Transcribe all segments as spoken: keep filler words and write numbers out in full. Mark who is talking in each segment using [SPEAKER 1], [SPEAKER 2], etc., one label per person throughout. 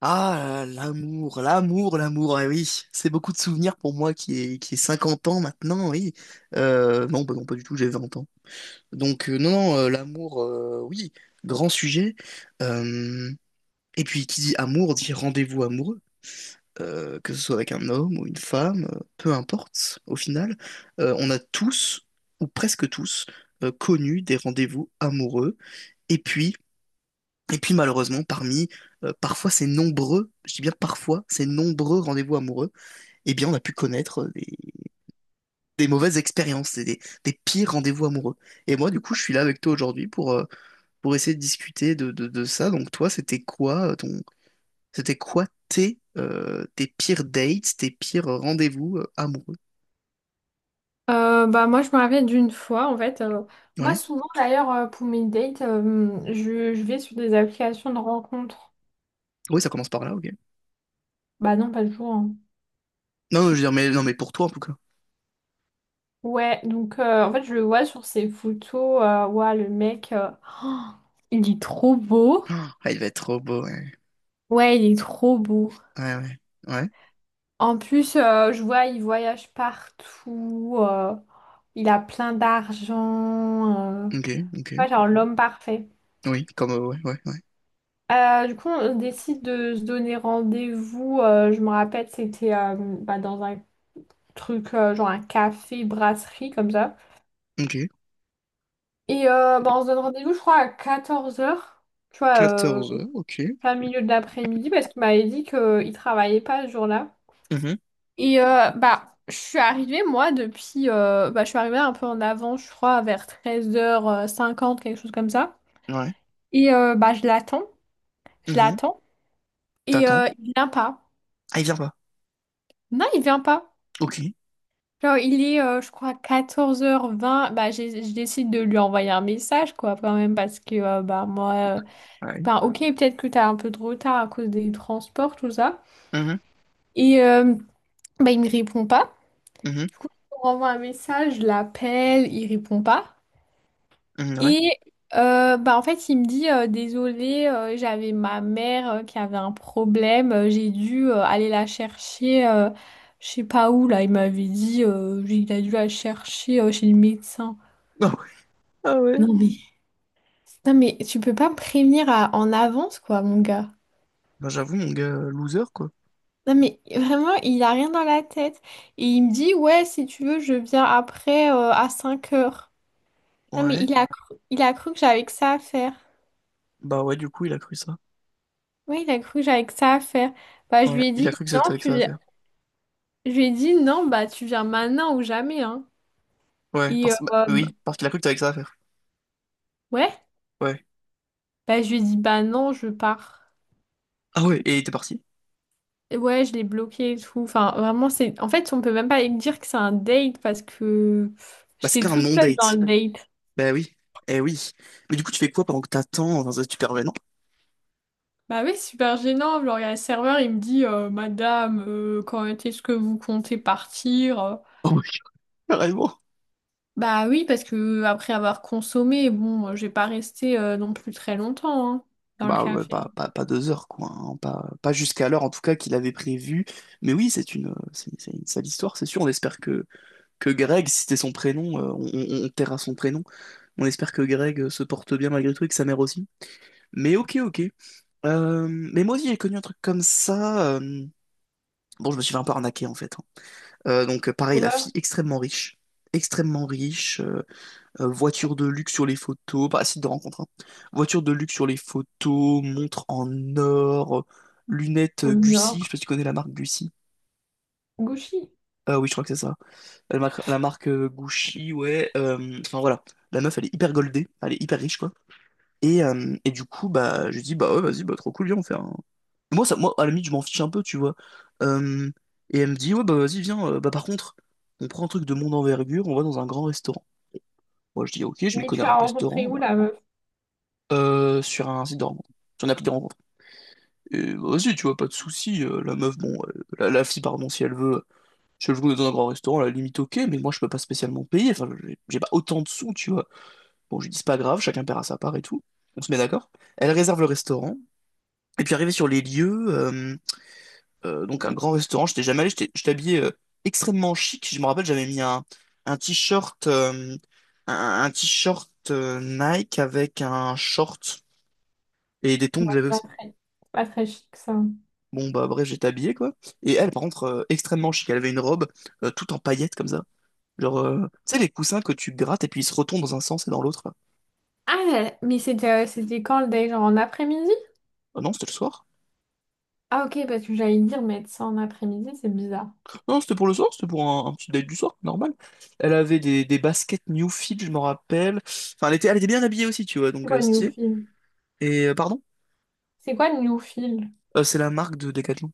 [SPEAKER 1] Ah, l'amour, l'amour, l'amour, eh oui, c'est beaucoup de souvenirs pour moi qui est qui est cinquante ans maintenant, oui. Euh, non, bah non, pas du tout, j'ai vingt ans. Donc, euh, non, non, euh, l'amour, euh, oui, grand sujet. Euh, et puis, qui dit amour dit rendez-vous amoureux. Euh, que ce soit avec un homme ou une femme, euh, peu importe, au final. Euh, on a tous, ou presque tous, euh, connu des rendez-vous amoureux. Et puis, et puis malheureusement, parmi euh, parfois ces nombreux, je dis bien parfois ces nombreux rendez-vous amoureux, eh bien on a pu connaître euh, des, des mauvaises expériences, et des, des pires rendez-vous amoureux. Et moi du coup, je suis là avec toi aujourd'hui pour, euh, pour essayer de discuter de, de, de ça. Donc toi, c'était quoi euh, ton, c'était quoi tes, euh, tes pires dates, tes pires rendez-vous euh, amoureux?
[SPEAKER 2] Euh, bah moi je me rappelle d'une fois en fait. Euh, moi
[SPEAKER 1] Ouais.
[SPEAKER 2] souvent d'ailleurs, euh, pour mes dates, euh, je, je vais sur des applications de rencontres.
[SPEAKER 1] Oui, ça commence par là, ok.
[SPEAKER 2] Bah non pas toujours hein.
[SPEAKER 1] Non, je veux dire, mais non, mais pour toi en tout cas.
[SPEAKER 2] Ouais, donc euh, en fait je le vois sur ses photos, euh, ouais le mec, euh, oh, il est trop beau.
[SPEAKER 1] Ah, il va être trop beau, ouais.
[SPEAKER 2] Ouais il est trop beau.
[SPEAKER 1] Ouais, ouais. Ouais.
[SPEAKER 2] En plus, euh, je vois il voyage partout, euh, il a plein d'argent, euh,
[SPEAKER 1] Ok, ok.
[SPEAKER 2] ouais, genre l'homme parfait.
[SPEAKER 1] Oui, comme euh, ouais, ouais, ouais.
[SPEAKER 2] Euh, du coup, on décide de se donner rendez-vous. Euh, je me rappelle, c'était, euh, bah, dans un truc, euh, genre un café, brasserie, comme ça.
[SPEAKER 1] Ok.
[SPEAKER 2] Et euh, bah, on se donne rendez-vous, je crois, à quatorze heures, tu vois, euh,
[SPEAKER 1] Quatorze heures, ok.
[SPEAKER 2] plein milieu de l'après-midi, parce qu'il m'avait dit qu'il travaillait pas ce jour-là.
[SPEAKER 1] Mhm,
[SPEAKER 2] Et euh, bah, je suis arrivée, moi, depuis... euh, bah, je suis arrivée un peu en avant, je crois, vers treize heures cinquante, quelque chose comme ça.
[SPEAKER 1] ouais.
[SPEAKER 2] Et euh, bah, je l'attends, je
[SPEAKER 1] Mhm.
[SPEAKER 2] l'attends. Et
[SPEAKER 1] T'attends.
[SPEAKER 2] euh, il vient pas.
[SPEAKER 1] Ah, il vient pas.
[SPEAKER 2] Non, il vient pas.
[SPEAKER 1] Ok.
[SPEAKER 2] Genre, il est, euh, je crois, quatorze heures vingt. Bah, j'ai- je décide de lui envoyer un message, quoi, quand même, parce que, euh, bah, moi, euh,
[SPEAKER 1] Ouais.
[SPEAKER 2] ben, ok, peut-être que t'as un peu de retard à cause des transports, tout ça.
[SPEAKER 1] Mhm,
[SPEAKER 2] Et, euh, bah, il me répond pas.
[SPEAKER 1] mhm,
[SPEAKER 2] Du coup, je lui renvoie un message, je l'appelle, il répond pas.
[SPEAKER 1] mhm, ouais.
[SPEAKER 2] Et, euh, bah, en fait, il me dit, euh, désolé, euh, j'avais ma mère, euh, qui avait un problème, euh, j'ai dû, euh, aller la chercher, euh, je sais pas où, là, il m'avait dit, euh, il a dû la chercher, euh, chez le médecin.
[SPEAKER 1] Ah ouais. Ah ouais.
[SPEAKER 2] Non mais, non mais tu peux pas me prévenir à- en avance quoi mon gars.
[SPEAKER 1] Bah, j'avoue, mon gars, euh, loser, quoi.
[SPEAKER 2] Non mais vraiment il a rien dans la tête. Et il me dit ouais si tu veux je viens après euh, à cinq heures. Non mais
[SPEAKER 1] Ouais.
[SPEAKER 2] il a cru, il a cru que j'avais que ça à faire.
[SPEAKER 1] Bah, ouais, du coup, il a cru ça.
[SPEAKER 2] Oui il a cru que j'avais que ça à faire. Bah je
[SPEAKER 1] Ouais.
[SPEAKER 2] lui ai
[SPEAKER 1] Il a
[SPEAKER 2] dit
[SPEAKER 1] cru que c'était
[SPEAKER 2] non
[SPEAKER 1] avec
[SPEAKER 2] tu
[SPEAKER 1] ça à faire.
[SPEAKER 2] viens. Je lui ai dit non bah tu viens maintenant ou jamais hein.
[SPEAKER 1] Ouais,
[SPEAKER 2] Et euh,
[SPEAKER 1] parce... bah,
[SPEAKER 2] bah,
[SPEAKER 1] oui, parce qu'il a cru que t'avais avec ça à faire.
[SPEAKER 2] ouais
[SPEAKER 1] Ouais.
[SPEAKER 2] bah je lui ai dit bah non je pars.
[SPEAKER 1] Ah ouais, et il était parti.
[SPEAKER 2] Ouais, je l'ai bloqué et tout. Enfin, vraiment, c'est. En fait, on peut même pas dire que c'est un date parce que pff,
[SPEAKER 1] Bah, c'était
[SPEAKER 2] j'étais
[SPEAKER 1] un
[SPEAKER 2] toute seule dans
[SPEAKER 1] non-date.
[SPEAKER 2] le date.
[SPEAKER 1] Bah oui. Eh oui. Mais du coup, tu fais quoi pendant que t'attends dans un supervenant?
[SPEAKER 2] Bah oui, super gênant. Genre, il y a le serveur, il me dit, euh, Madame, euh, quand est-ce que vous comptez partir?
[SPEAKER 1] Oh my God, carrément.
[SPEAKER 2] Bah oui, parce que après avoir consommé, bon, euh, j'ai pas resté euh, non plus très longtemps hein, dans le
[SPEAKER 1] Bah, ouais,
[SPEAKER 2] café.
[SPEAKER 1] pas, pas, pas deux heures, quoi, hein. Pas, pas jusqu'à l'heure, en tout cas, qu'il avait prévu. Mais oui, c'est une, euh, c'est c'est une sale histoire, c'est sûr. On espère que, que Greg, si c'était son prénom, euh, on, on, on taira son prénom. On espère que Greg euh, se porte bien malgré tout et que sa mère aussi. Mais ok, ok. Euh, mais moi aussi, j'ai connu un truc comme ça. euh, Bon, je me suis fait un peu arnaquer, en fait, hein. Euh, donc, euh, pareil, la
[SPEAKER 2] Sauveur,
[SPEAKER 1] fille extrêmement riche. Extrêmement riche. Euh, euh, voiture de luxe sur les photos, pas site de rencontre, hein. Voiture de luxe sur les photos, montre en or, euh, lunettes
[SPEAKER 2] au
[SPEAKER 1] euh,
[SPEAKER 2] nord,
[SPEAKER 1] Gucci, je sais pas si tu connais la marque Gucci.
[SPEAKER 2] Gouchy.
[SPEAKER 1] Ah oui, je crois que c'est ça. La marque, la marque euh, Gucci, ouais. euh, Enfin voilà, la meuf, elle est hyper goldée, elle est hyper riche, quoi. Et, euh, et du coup, bah, je dis, bah ouais, vas-y, bah trop cool, viens, on fait un. Moi, ça, moi, à la limite, je m'en fiche un peu, tu vois. Euh, et elle me dit, ouais, bah vas-y, viens, euh, bah par contre, on prend un truc de mon envergure, on va dans un grand restaurant. Moi, je dis, ok, je m'y
[SPEAKER 2] Mais tu
[SPEAKER 1] connais à
[SPEAKER 2] l'as
[SPEAKER 1] un
[SPEAKER 2] rencontré
[SPEAKER 1] restaurant,
[SPEAKER 2] où
[SPEAKER 1] bah.
[SPEAKER 2] la meuf?
[SPEAKER 1] Euh, sur un site de rencontre. Sur une appli de rencontre. Et bah, vas-y, tu vois, pas de souci. euh, la meuf, bon, euh, la, la fille, pardon, si elle veut, si elle veut dans un grand restaurant, à la limite, ok, mais moi, je peux pas spécialement payer. Enfin, j'ai j'ai pas autant de sous, tu vois. Bon, je lui dis, c'est pas grave, chacun paiera sa part et tout. On se met d'accord. Elle réserve le restaurant. Et puis, arrivé sur les lieux, euh, euh, donc un grand restaurant, j'étais jamais allé, j'étais j'étais habillé euh, extrêmement chic. Je me rappelle, j'avais mis un, un t-shirt, euh, un, un t-shirt euh, Nike avec un short et des tongs que j'avais
[SPEAKER 2] Pas
[SPEAKER 1] aussi.
[SPEAKER 2] très, pas très chic ça.
[SPEAKER 1] Bon, bah bref, j'étais habillé, quoi. Et elle, par contre, euh, extrêmement chic. Elle avait une robe euh, toute en paillettes, comme ça. Genre, euh, tu sais, les coussins que tu grattes et puis ils se retournent dans un sens et dans l'autre, là.
[SPEAKER 2] Ah, mais c'était, euh, c'était quand le date? Genre en après-midi?
[SPEAKER 1] Ah non, c'était le soir.
[SPEAKER 2] Ah ok, parce que j'allais dire mettre ça en après-midi, c'est bizarre.
[SPEAKER 1] Non, c'était pour le soir, c'était pour un, un petit date du soir, normal. Elle avait des, des baskets New Fit, je m'en rappelle. Enfin, elle était, elle était bien habillée aussi, tu vois,
[SPEAKER 2] C'est
[SPEAKER 1] donc euh,
[SPEAKER 2] quoi
[SPEAKER 1] stylé.
[SPEAKER 2] Newfield?
[SPEAKER 1] Et, euh, pardon,
[SPEAKER 2] C'est quoi Newfield?
[SPEAKER 1] Euh, c'est la marque de Decathlon.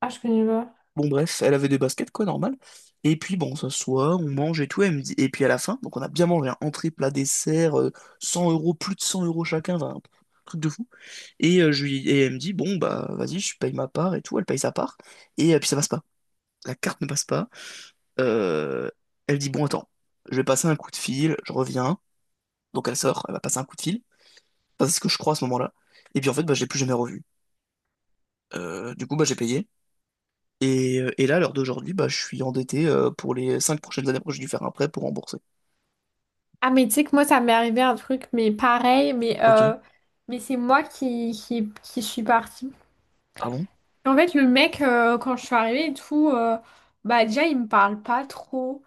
[SPEAKER 2] Ah, je connais pas.
[SPEAKER 1] Bon, bref, elle avait des baskets, quoi, normal. Et puis, bon, on s'assoit, on mange et tout. Elle me dit. Et puis, à la fin, donc on a bien mangé, un entrée, plat, dessert, euh, cent euros, plus de cent euros chacun, enfin, truc de fou. Et, euh, je lui, et elle me dit, bon, bah, vas-y, je paye ma part et tout. Elle paye sa part. Et euh, puis ça passe pas. La carte ne passe pas. Euh, elle dit, bon, attends, je vais passer un coup de fil, je reviens. Donc elle sort, elle va passer un coup de fil. Enfin, c'est ce que je crois à ce moment-là. Et puis en fait, bah, je l'ai plus jamais revu. Euh, du coup, bah, j'ai payé. Et, euh, et là, à l'heure d'aujourd'hui, bah, je suis endetté euh, pour les cinq prochaines années. Après, j'ai dû faire un prêt pour rembourser.
[SPEAKER 2] Ah, mais tu sais que moi, ça m'est arrivé un truc, mais pareil, mais,
[SPEAKER 1] Ok.
[SPEAKER 2] euh, mais c'est moi qui, qui, qui suis partie.
[SPEAKER 1] Ah bon?
[SPEAKER 2] En fait, le mec, euh, quand je suis arrivée et tout, euh, bah déjà, il me parle pas trop.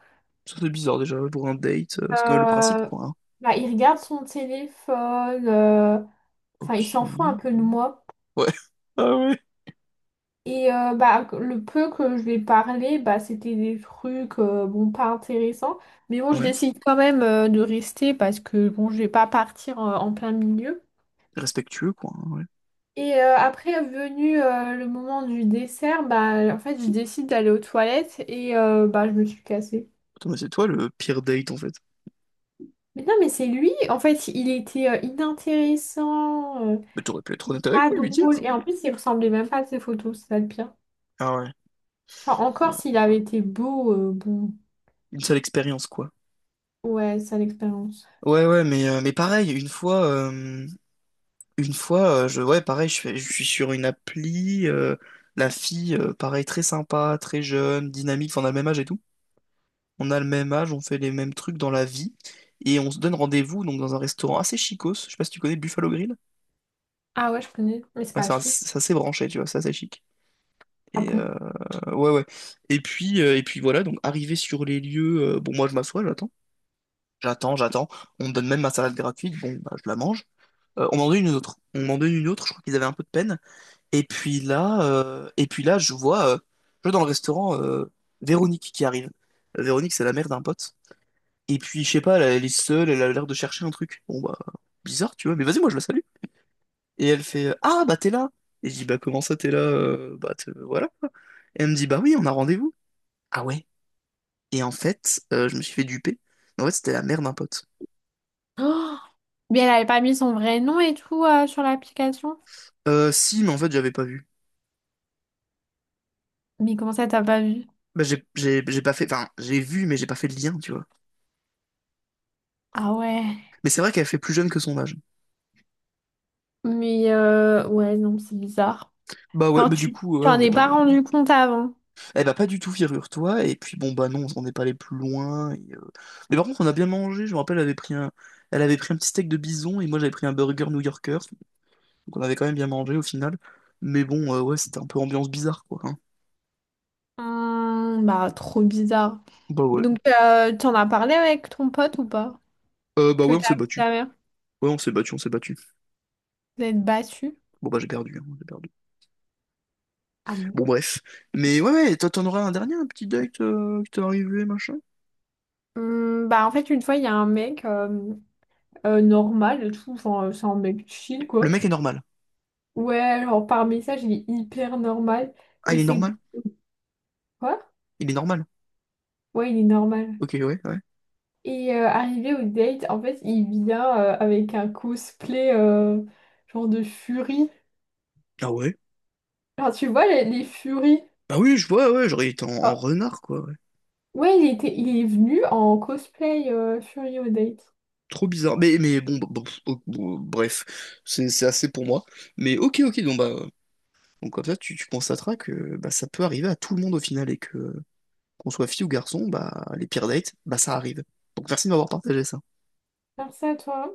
[SPEAKER 1] Ça, c'est bizarre déjà pour un date. euh, C'est quand même le principe,
[SPEAKER 2] Euh,
[SPEAKER 1] quoi, hein.
[SPEAKER 2] Bah, il regarde son téléphone, euh, enfin, il
[SPEAKER 1] Ok.
[SPEAKER 2] s'en fout un peu de moi.
[SPEAKER 1] Ouais. Ah ouais.
[SPEAKER 2] Et euh, bah, que- le peu que je lui ai parlé, bah, c'était des trucs euh, bon, pas intéressants. Mais bon, je
[SPEAKER 1] Ouais.
[SPEAKER 2] décide quand même euh, de rester parce que bon, je vais pas partir euh, en plein milieu.
[SPEAKER 1] Respectueux, quoi, hein, ouais.
[SPEAKER 2] Et euh, après, venu euh, le moment du dessert, bah, en fait, je décide d'aller aux toilettes et euh, bah, je me suis cassée.
[SPEAKER 1] Attends, mais c'est toi le pire date en fait.
[SPEAKER 2] Mais non, mais c'est lui, en fait, il était euh, inintéressant, euh,
[SPEAKER 1] Mais t'aurais pu être honnête avec
[SPEAKER 2] pas
[SPEAKER 1] lui, lui
[SPEAKER 2] drôle.
[SPEAKER 1] dire.
[SPEAKER 2] Et en plus, il ressemblait même pas à ses photos, c'est ça le pire.
[SPEAKER 1] Ah ouais,
[SPEAKER 2] Genre, encore
[SPEAKER 1] ouais.
[SPEAKER 2] s'il avait été beau, euh, bon,
[SPEAKER 1] Une seule expérience quoi.
[SPEAKER 2] ouais, sale expérience.
[SPEAKER 1] Ouais ouais mais, euh, mais pareil, une fois euh, une fois euh, je ouais pareil, je fais- je suis sur une appli, euh, la fille, euh, pareil, très sympa, très jeune, dynamique, enfin, on a le même âge et tout. On a le même âge, on fait les mêmes trucs dans la vie. Et on se donne rendez-vous donc dans un restaurant assez chicos. Je sais pas si tu connais le Buffalo Grill.
[SPEAKER 2] Ah ouais, je connais, mais c'est
[SPEAKER 1] Ouais,
[SPEAKER 2] pas
[SPEAKER 1] c'est un-
[SPEAKER 2] Ashley.
[SPEAKER 1] c'est assez branché, tu vois, c'est assez chic.
[SPEAKER 2] Ah
[SPEAKER 1] Et
[SPEAKER 2] bon?
[SPEAKER 1] euh, ouais ouais. Et puis, euh, et puis voilà, donc arrivé sur les lieux, euh, bon moi je m'assois, j'attends. J'attends, j'attends. On me donne même ma salade gratuite. Bon, bah, je la mange. Euh, on m'en donne une autre. On m'en donne une autre. Je crois qu'ils avaient un peu de peine. Et puis là, euh, et puis là, je vois, euh, je vois dans le restaurant euh, Véronique qui arrive. Euh, Véronique, c'est la mère d'un pote. Et puis, je sais pas, elle, elle est seule. Elle a l'air de chercher un truc. Bon, bah, bizarre, tu vois. Mais vas-y, moi, je la salue. Et elle fait, euh, ah, bah, t'es là. Et je dis, bah, comment ça, t'es là? euh, bah, te- voilà, quoi. Et elle me dit, bah oui, on a rendez-vous. Ah ouais. Et en fait, euh, je me suis fait duper. En fait, c'était la mère d'un pote.
[SPEAKER 2] Oh, mais elle avait pas mis son vrai nom et tout euh, sur l'application.
[SPEAKER 1] Euh, si, mais en fait, j'avais pas vu.
[SPEAKER 2] Mais comment ça, t'as pas vu?
[SPEAKER 1] Bah, j'ai j'ai- j'ai pas fait, enfin, j'ai vu, mais j'ai pas fait le lien, tu vois.
[SPEAKER 2] Ah ouais.
[SPEAKER 1] Mais c'est vrai qu'elle fait plus jeune que son âge.
[SPEAKER 2] Mais euh, ouais, non, c'est bizarre.
[SPEAKER 1] Bah ouais,
[SPEAKER 2] Enfin,
[SPEAKER 1] bah du
[SPEAKER 2] tu
[SPEAKER 1] coup, ouais, on
[SPEAKER 2] t'en
[SPEAKER 1] n'est
[SPEAKER 2] es
[SPEAKER 1] pas
[SPEAKER 2] pas
[SPEAKER 1] les.
[SPEAKER 2] rendu compte avant.
[SPEAKER 1] Eh bah pas du tout, figure-toi. Et puis bon, bah non, on n'est pas allé plus loin. et, euh, Mais par contre, on a bien mangé. Je me rappelle, elle avait pris un, elle avait pris un petit steak de bison et moi j'avais pris un burger new-yorker. Donc on avait quand même bien mangé au final. Mais bon, euh, ouais, c'était un peu ambiance bizarre, quoi, hein.
[SPEAKER 2] Hmm, bah, trop bizarre.
[SPEAKER 1] Bah ouais.
[SPEAKER 2] Donc, euh, t'en as parlé avec ton pote ou pas?
[SPEAKER 1] Euh, bah
[SPEAKER 2] Que
[SPEAKER 1] ouais, on
[SPEAKER 2] t'as
[SPEAKER 1] s'est
[SPEAKER 2] vu
[SPEAKER 1] battu.
[SPEAKER 2] ta mère?
[SPEAKER 1] Ouais, on s'est battu, on s'est battu.
[SPEAKER 2] Vous êtes battu?
[SPEAKER 1] Bon bah j'ai perdu, hein, j'ai perdu.
[SPEAKER 2] Ah bon?
[SPEAKER 1] Bon bref. Mais ouais, ouais, toi t'en auras un dernier, un petit date euh, qui t'est arrivé, machin.
[SPEAKER 2] Hmm, bah, en fait, une fois, il y a un mec euh, euh, normal et tout. Enfin, euh, c'est un mec chill,
[SPEAKER 1] Le
[SPEAKER 2] quoi.
[SPEAKER 1] mec est normal.
[SPEAKER 2] Ouais, genre par message, il est hyper normal.
[SPEAKER 1] Ah,
[SPEAKER 2] Et
[SPEAKER 1] il est
[SPEAKER 2] c'est
[SPEAKER 1] normal.
[SPEAKER 2] quoi?
[SPEAKER 1] Il est normal.
[SPEAKER 2] Ouais, il est normal.
[SPEAKER 1] Ok, ouais, ouais.
[SPEAKER 2] Et euh, arrivé au date, en fait, il vient euh, avec un cosplay, euh, genre de furie.
[SPEAKER 1] Ah ouais.
[SPEAKER 2] Genre, tu vois, les, les furies.
[SPEAKER 1] Bah oui, je vois, ouais, j'aurais été en, en
[SPEAKER 2] Ah,
[SPEAKER 1] renard, quoi, ouais.
[SPEAKER 2] ouais, il était, il est venu en cosplay, euh, furie au date.
[SPEAKER 1] Trop bizarre. Mais, mais, bon, bah, bon, oh, bon, bref, c'est c'est assez pour moi. Mais ok, ok, donc bah. euh, Donc comme ça, tu, tu constateras que bah, ça peut arriver à tout le monde au final et que qu'on soit fille ou garçon, bah les pires dates, bah ça arrive. Donc merci de m'avoir partagé ça.
[SPEAKER 2] Faire ça, toi.